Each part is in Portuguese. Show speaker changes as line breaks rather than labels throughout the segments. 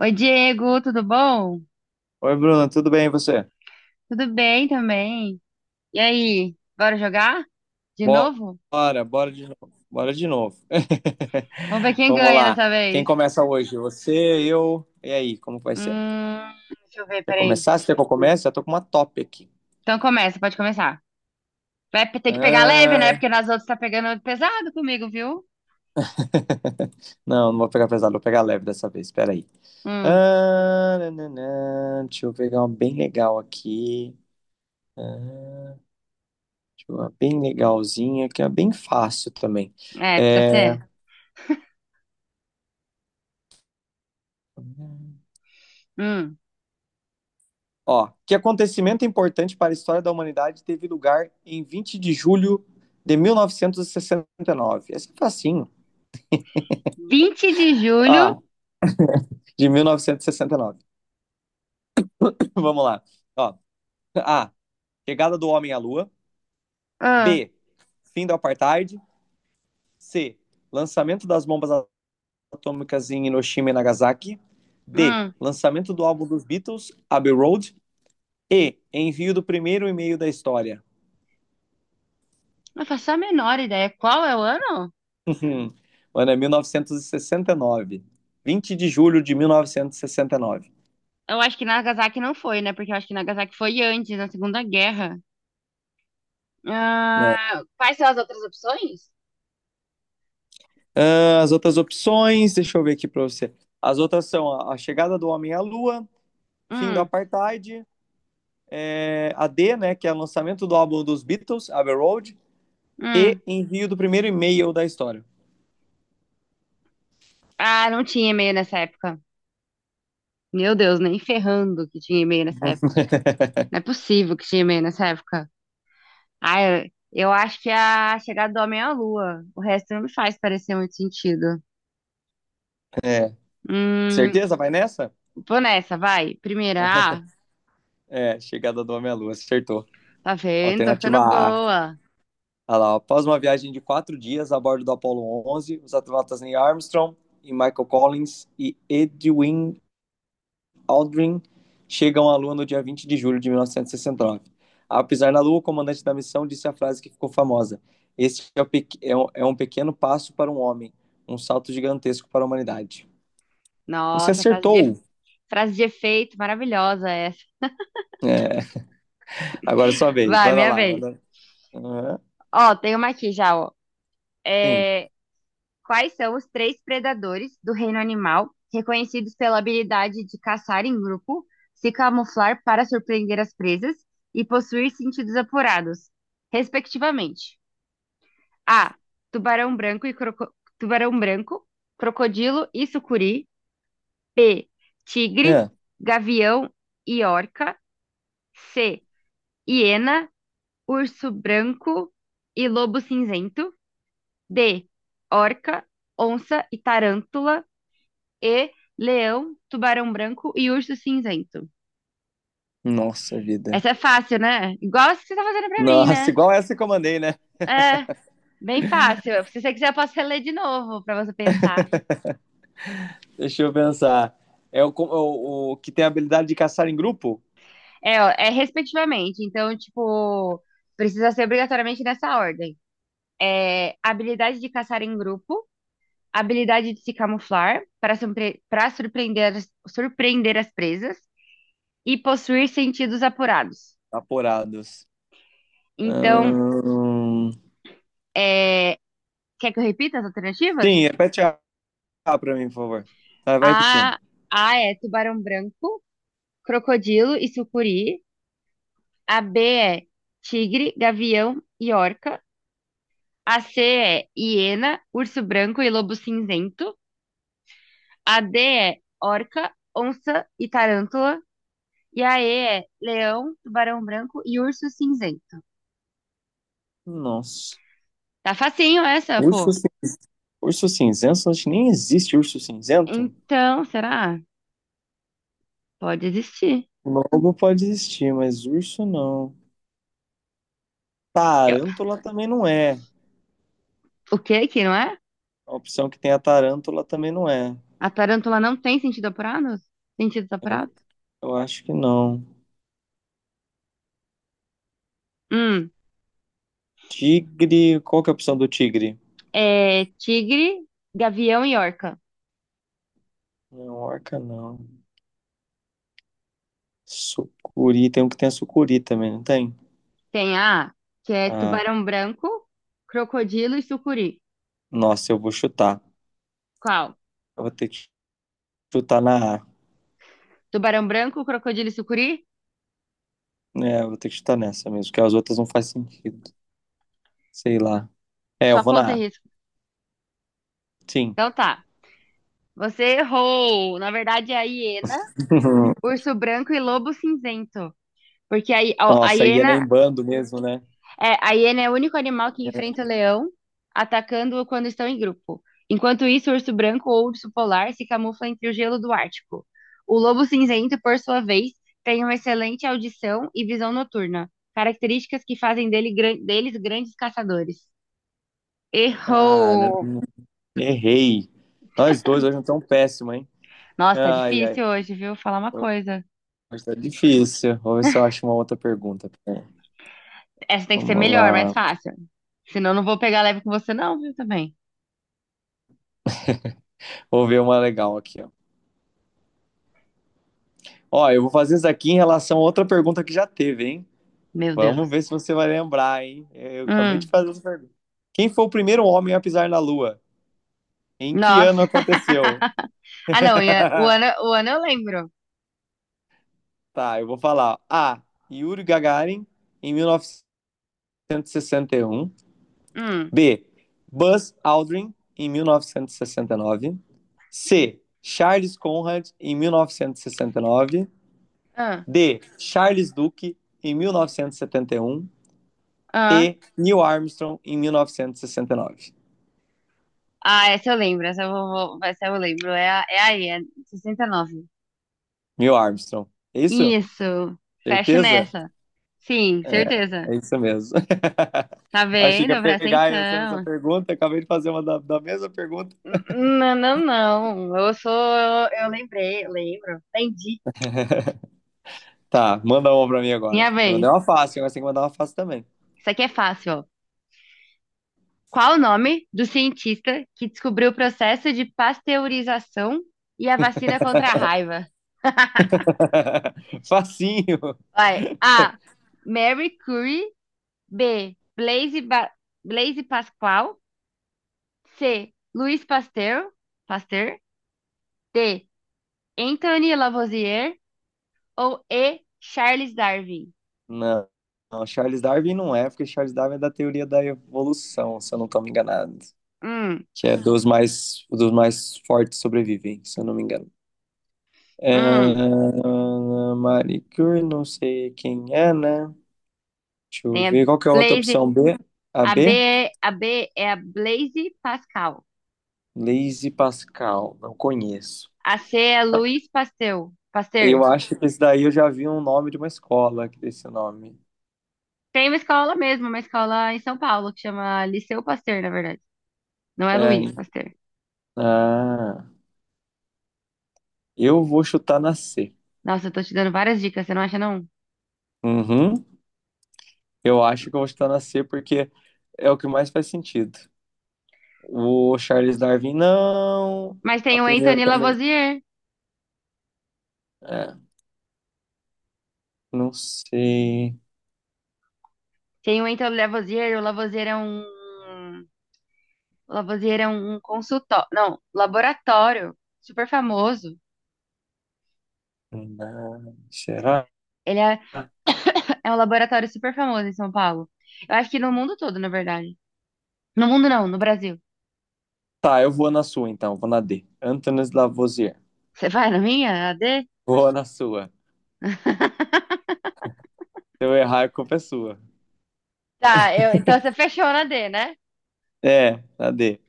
Oi, Diego, tudo bom?
Oi, Bruno, tudo bem e você?
Tudo bem também. E aí, bora jogar? De novo?
Bora, bora de novo. Bora de novo.
Vamos ver quem
Vamos
ganha
lá.
dessa
Quem
vez.
começa hoje? Você, eu. E aí, como vai ser?
Hum, Deixa eu ver,
Quer
peraí.
começar? Se quer que eu comece? Já tô com uma top aqui.
Então começa, pode começar. Vai ter que pegar leve, né?
Ah,
Porque nas outras tá pegando pesado comigo, viu?
não, não vou pegar pesado, vou pegar leve dessa vez. Espera aí.
Hum,
Ah, nananã. Deixa eu pegar uma bem legal aqui. Ah, deixa eu ver uma bem legalzinha, que é bem fácil também.
É, precisa ser.
É.
Hum,
Ó, que acontecimento importante para a história da humanidade teve lugar em 20 de julho de 1969? Esse é facinho.
Vinte de julho.
Ah, de mil novecentos e sessenta e nove. Vamos lá. Ó, A. Chegada do homem à lua.
Ah,
B. Fim do apartheid. C. Lançamento das bombas atômicas em Hiroshima e Nagasaki. D.
hum,
Lançamento do álbum dos Beatles, Abbey Road. E. Envio do primeiro e-mail da história.
não faço a menor ideia. Qual é o ano?
Mano, é 1969, 20 de julho de 1969.
Eu acho que Nagasaki não foi, né? Porque eu acho que Nagasaki foi antes, na Segunda Guerra.
É.
Ah, quais são as outras opções?
Ah, as outras opções, deixa eu ver aqui pra você. As outras são a chegada do homem à lua, fim do
Hum,
apartheid, é, a D, né, que é o lançamento do álbum dos Beatles, Abbey Road, e
hum.
envio do primeiro e-mail da história.
Ah, não tinha e-mail nessa época. Meu Deus, nem ferrando que tinha e-mail nessa época. Não é possível que tinha e-mail nessa época. Ah, eu acho que é a chegada do homem à lua. O resto não me faz parecer muito sentido.
É.
Hum,
Certeza? Vai nessa?
Vou nessa, vai. Primeira, ah,
É, chegada do homem à lua, acertou.
tá vendo? Tô
Alternativa
ficando
A.
boa.
Olha lá, após uma viagem de 4 dias a bordo do Apollo 11, os astronautas Neil Armstrong e Michael Collins e Edwin Aldrin chegam à Lua no dia 20 de julho de 1969. Ao pisar na Lua, o comandante da missão disse a frase que ficou famosa: Este é, o pe- é um pequeno passo para um homem, um salto gigantesco para a humanidade. Você
Nossa,
acertou!
frase de efeito maravilhosa essa.
É, agora é sua vez,
Vai,
manda
minha
lá.
vez.
Aham,
Ó, tem uma aqui já, ó.
sim.
É, quais são os três predadores do reino animal reconhecidos pela habilidade de caçar em grupo, se camuflar para surpreender as presas e possuir sentidos apurados, respectivamente? A. Tubarão branco e croco- Tubarão branco, crocodilo e sucuri. B. Tigre,
É.
gavião e orca. C. Hiena, urso branco e lobo cinzento. D. Orca, onça e tarântula. E. Leão, tubarão branco e urso cinzento.
Nossa vida.
Essa é fácil, né? Igual essa que você tá fazendo pra mim,
Nossa,
né?
igual essa que eu mandei, né?
É, bem fácil. Se você quiser, eu posso reler de novo pra você pensar.
Deixa eu pensar. É o que tem a habilidade de caçar em grupo?
É, ó, é respectivamente. Então, tipo, precisa ser obrigatoriamente nessa ordem. É habilidade de caçar em grupo, habilidade de se camuflar para surpreender as presas e possuir sentidos apurados.
Aporados.
Então,
Ahn,
é, quer que eu repita as alternativas?
Sim, repete A pra mim, por favor. Vai, vai repetindo.
A, A é tubarão branco, crocodilo e sucuri. A B é tigre, gavião e orca. A C é hiena, urso branco e lobo cinzento. A D é orca, onça e tarântula. E a E é leão, tubarão branco e urso cinzento.
Nossa.
Tá facinho essa,
Urso,
pô.
cin- urso cinzento? Acho que nem existe urso cinzento.
Então, será? Pode existir.
Lobo pode existir, mas urso não.
Eu-
Tarântula também não é.
O que que não é?
A opção que tem a tarântula também não é.
A tarântula não tem sentido apurado? Sentido
Eu,
apurado?
eu acho que não.
Hum.
Tigre. Qual que é a opção do tigre?
É tigre, gavião e orca.
Não, orca não. Sucuri. Tem um que tem a sucuri também, não tem?
Tem A, que é
Ah,
tubarão branco, crocodilo e sucuri.
nossa, eu vou chutar.
Qual?
Eu vou ter que chutar na A.
Tubarão branco, crocodilo e sucuri?
É, eu vou ter que chutar nessa mesmo, porque as outras não faz sentido. Sei lá. É, eu
Só
vou
conta
na
em
A.
risco.
Sim.
Então tá. Você errou. Na verdade é a hiena, urso branco e lobo cinzento. Porque
Nossa, ia nem bando mesmo, né?
A hiena é o único animal que enfrenta o leão, atacando-o quando estão em grupo. Enquanto isso, o urso branco ou urso polar se camufla entre o gelo do Ártico. O lobo cinzento, por sua vez, tem uma excelente audição e visão noturna, características que fazem dele deles grandes caçadores. Errou!
Caramba, errei. Nós dois hoje não tão péssimo, hein?
Nossa, tá
Ai, ai.
difícil hoje, viu? Falar uma coisa.
Mas tá difícil. Vou ver se eu acho uma outra pergunta. Pera aí.
Essa tem que ser
Vamos
melhor, mais
lá.
fácil. Senão eu não vou pegar leve com você, não, viu, também.
Vou ver uma legal aqui, ó. Ó, eu vou fazer isso aqui em relação a outra pergunta que já teve, hein?
Meu
Vamos
Deus.
ver se você vai lembrar, hein? Eu acabei de
Hum,
fazer essa pergunta. Quem foi o primeiro homem a pisar na Lua? Em que ano
Nossa.
aconteceu?
Ah, não, o ano eu lembro.
Tá, eu vou falar. A. Yuri Gagarin, em mil novecentos e sessenta e um.
Hum.
B. Buzz Aldrin, em 1969. C. Charles Conrad, em 1969.
Ah,
D. Charles Duke, em 1971. E. 71.
ah.
E. Neil Armstrong, em 1969.
Ah, essa eu lembro. Essa eu lembro. É, é aí, é 69.
Neil Armstrong. É isso?
Isso. Fecho
Certeza?
nessa. Sim,
É,
certeza.
é isso mesmo.
Tá
Achei que
vendo?
ia
Presta
pegar essa
atenção.
pergunta, acabei de fazer uma da mesma pergunta.
Não, não, não. Eu sou. Eu lembrei, eu lembro. Entendi.
Tá, manda uma pra mim agora.
Minha
Eu
vez.
mandei uma fácil, agora você tem que mandar uma fácil também.
Isso aqui é fácil, ó. Qual o nome do cientista que descobriu o processo de pasteurização e a vacina contra a raiva?
Facinho.
Vai. A. Mary Curie. B. Blaise Pascal. C. Louis Pasteur. Pasteur. D. Anthony Lavoisier. Ou E. Charles Darwin.
Não, não, Charles Darwin não é, porque Charles Darwin é da teoria da evolução, se eu não estou me enganado.
Hum,
Que é dos mais fortes sobrevivem, se eu não me engano.
hum.
É, Marie Curie, não sei quem é, né? Deixa eu
Tem a
ver, qual que é a outra
Blaise.
opção B? A
A B,
B?
é- a B é a Blaise Pascal.
Blaise Pascal, não conheço.
A C é Louis Pasteur. Pasteur.
Eu acho que esse daí eu já vi um nome de uma escola que tem esse nome.
Tem uma escola mesmo, uma escola em São Paulo que chama Liceu Pasteur, na verdade. Não é Luiz
É.
Pasteur.
Ah. Eu vou chutar na C.
Nossa, eu tô te dando várias dicas, você não acha não?
Uhum. Eu acho que eu vou chutar na C porque é o que mais faz sentido. O Charles Darwin, não.
Mas
A
tem o
primeira
Anthony
também.
Lavoisier.
É, não sei.
Tem o Entre o Lavoisier, é um. O Lavoisier é um consultório. Não, laboratório super famoso.
Será?
Ele é, é um laboratório super famoso em São Paulo. Eu acho que no mundo todo, na verdade. No mundo não, no Brasil.
Tá, eu vou na sua então, vou na D. Antônio Lavoisier.
Você vai na minha, A D.
Vou na sua. Se eu errar, a culpa é sua.
Tá, então você fechou na D, né?
É, na D.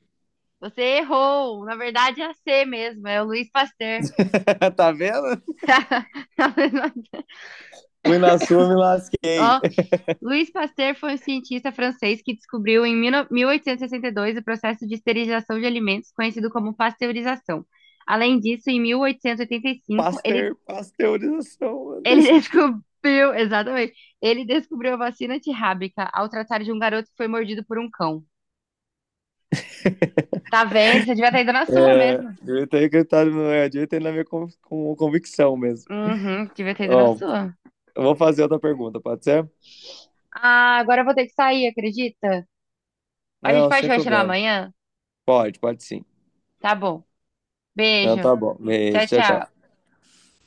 Você errou. Na verdade é a C mesmo, é o Luiz Pasteur.
Tá vendo? Fui na sua, me lasquei.
Ó, Louis Pasteur foi um cientista francês que descobriu em 1862 o processo de esterilização de alimentos, conhecido como pasteurização. Além disso, em 1885, ele,
Pasteur, pasteurização, não tem
ele
sentido.
descobriu, exatamente, ele descobriu a vacina antirrábica ao tratar de um garoto que foi mordido por um cão. Tá vendo? Você devia ter ido na sua
É,
mesmo.
direito é acreditado, não é direito é na minha convicção mesmo.
Uhum, devia ter ido na
Ó,
sua.
eu vou fazer outra pergunta, pode ser?
Ah, agora eu vou ter que sair, acredita? A gente
Não,
pode
sem
continuar
problema.
amanhã?
Pode, pode sim.
Tá bom.
Não,
Beijo.
tá bom. Beijo,
Tchau,
tchau,
tchau.
tchau.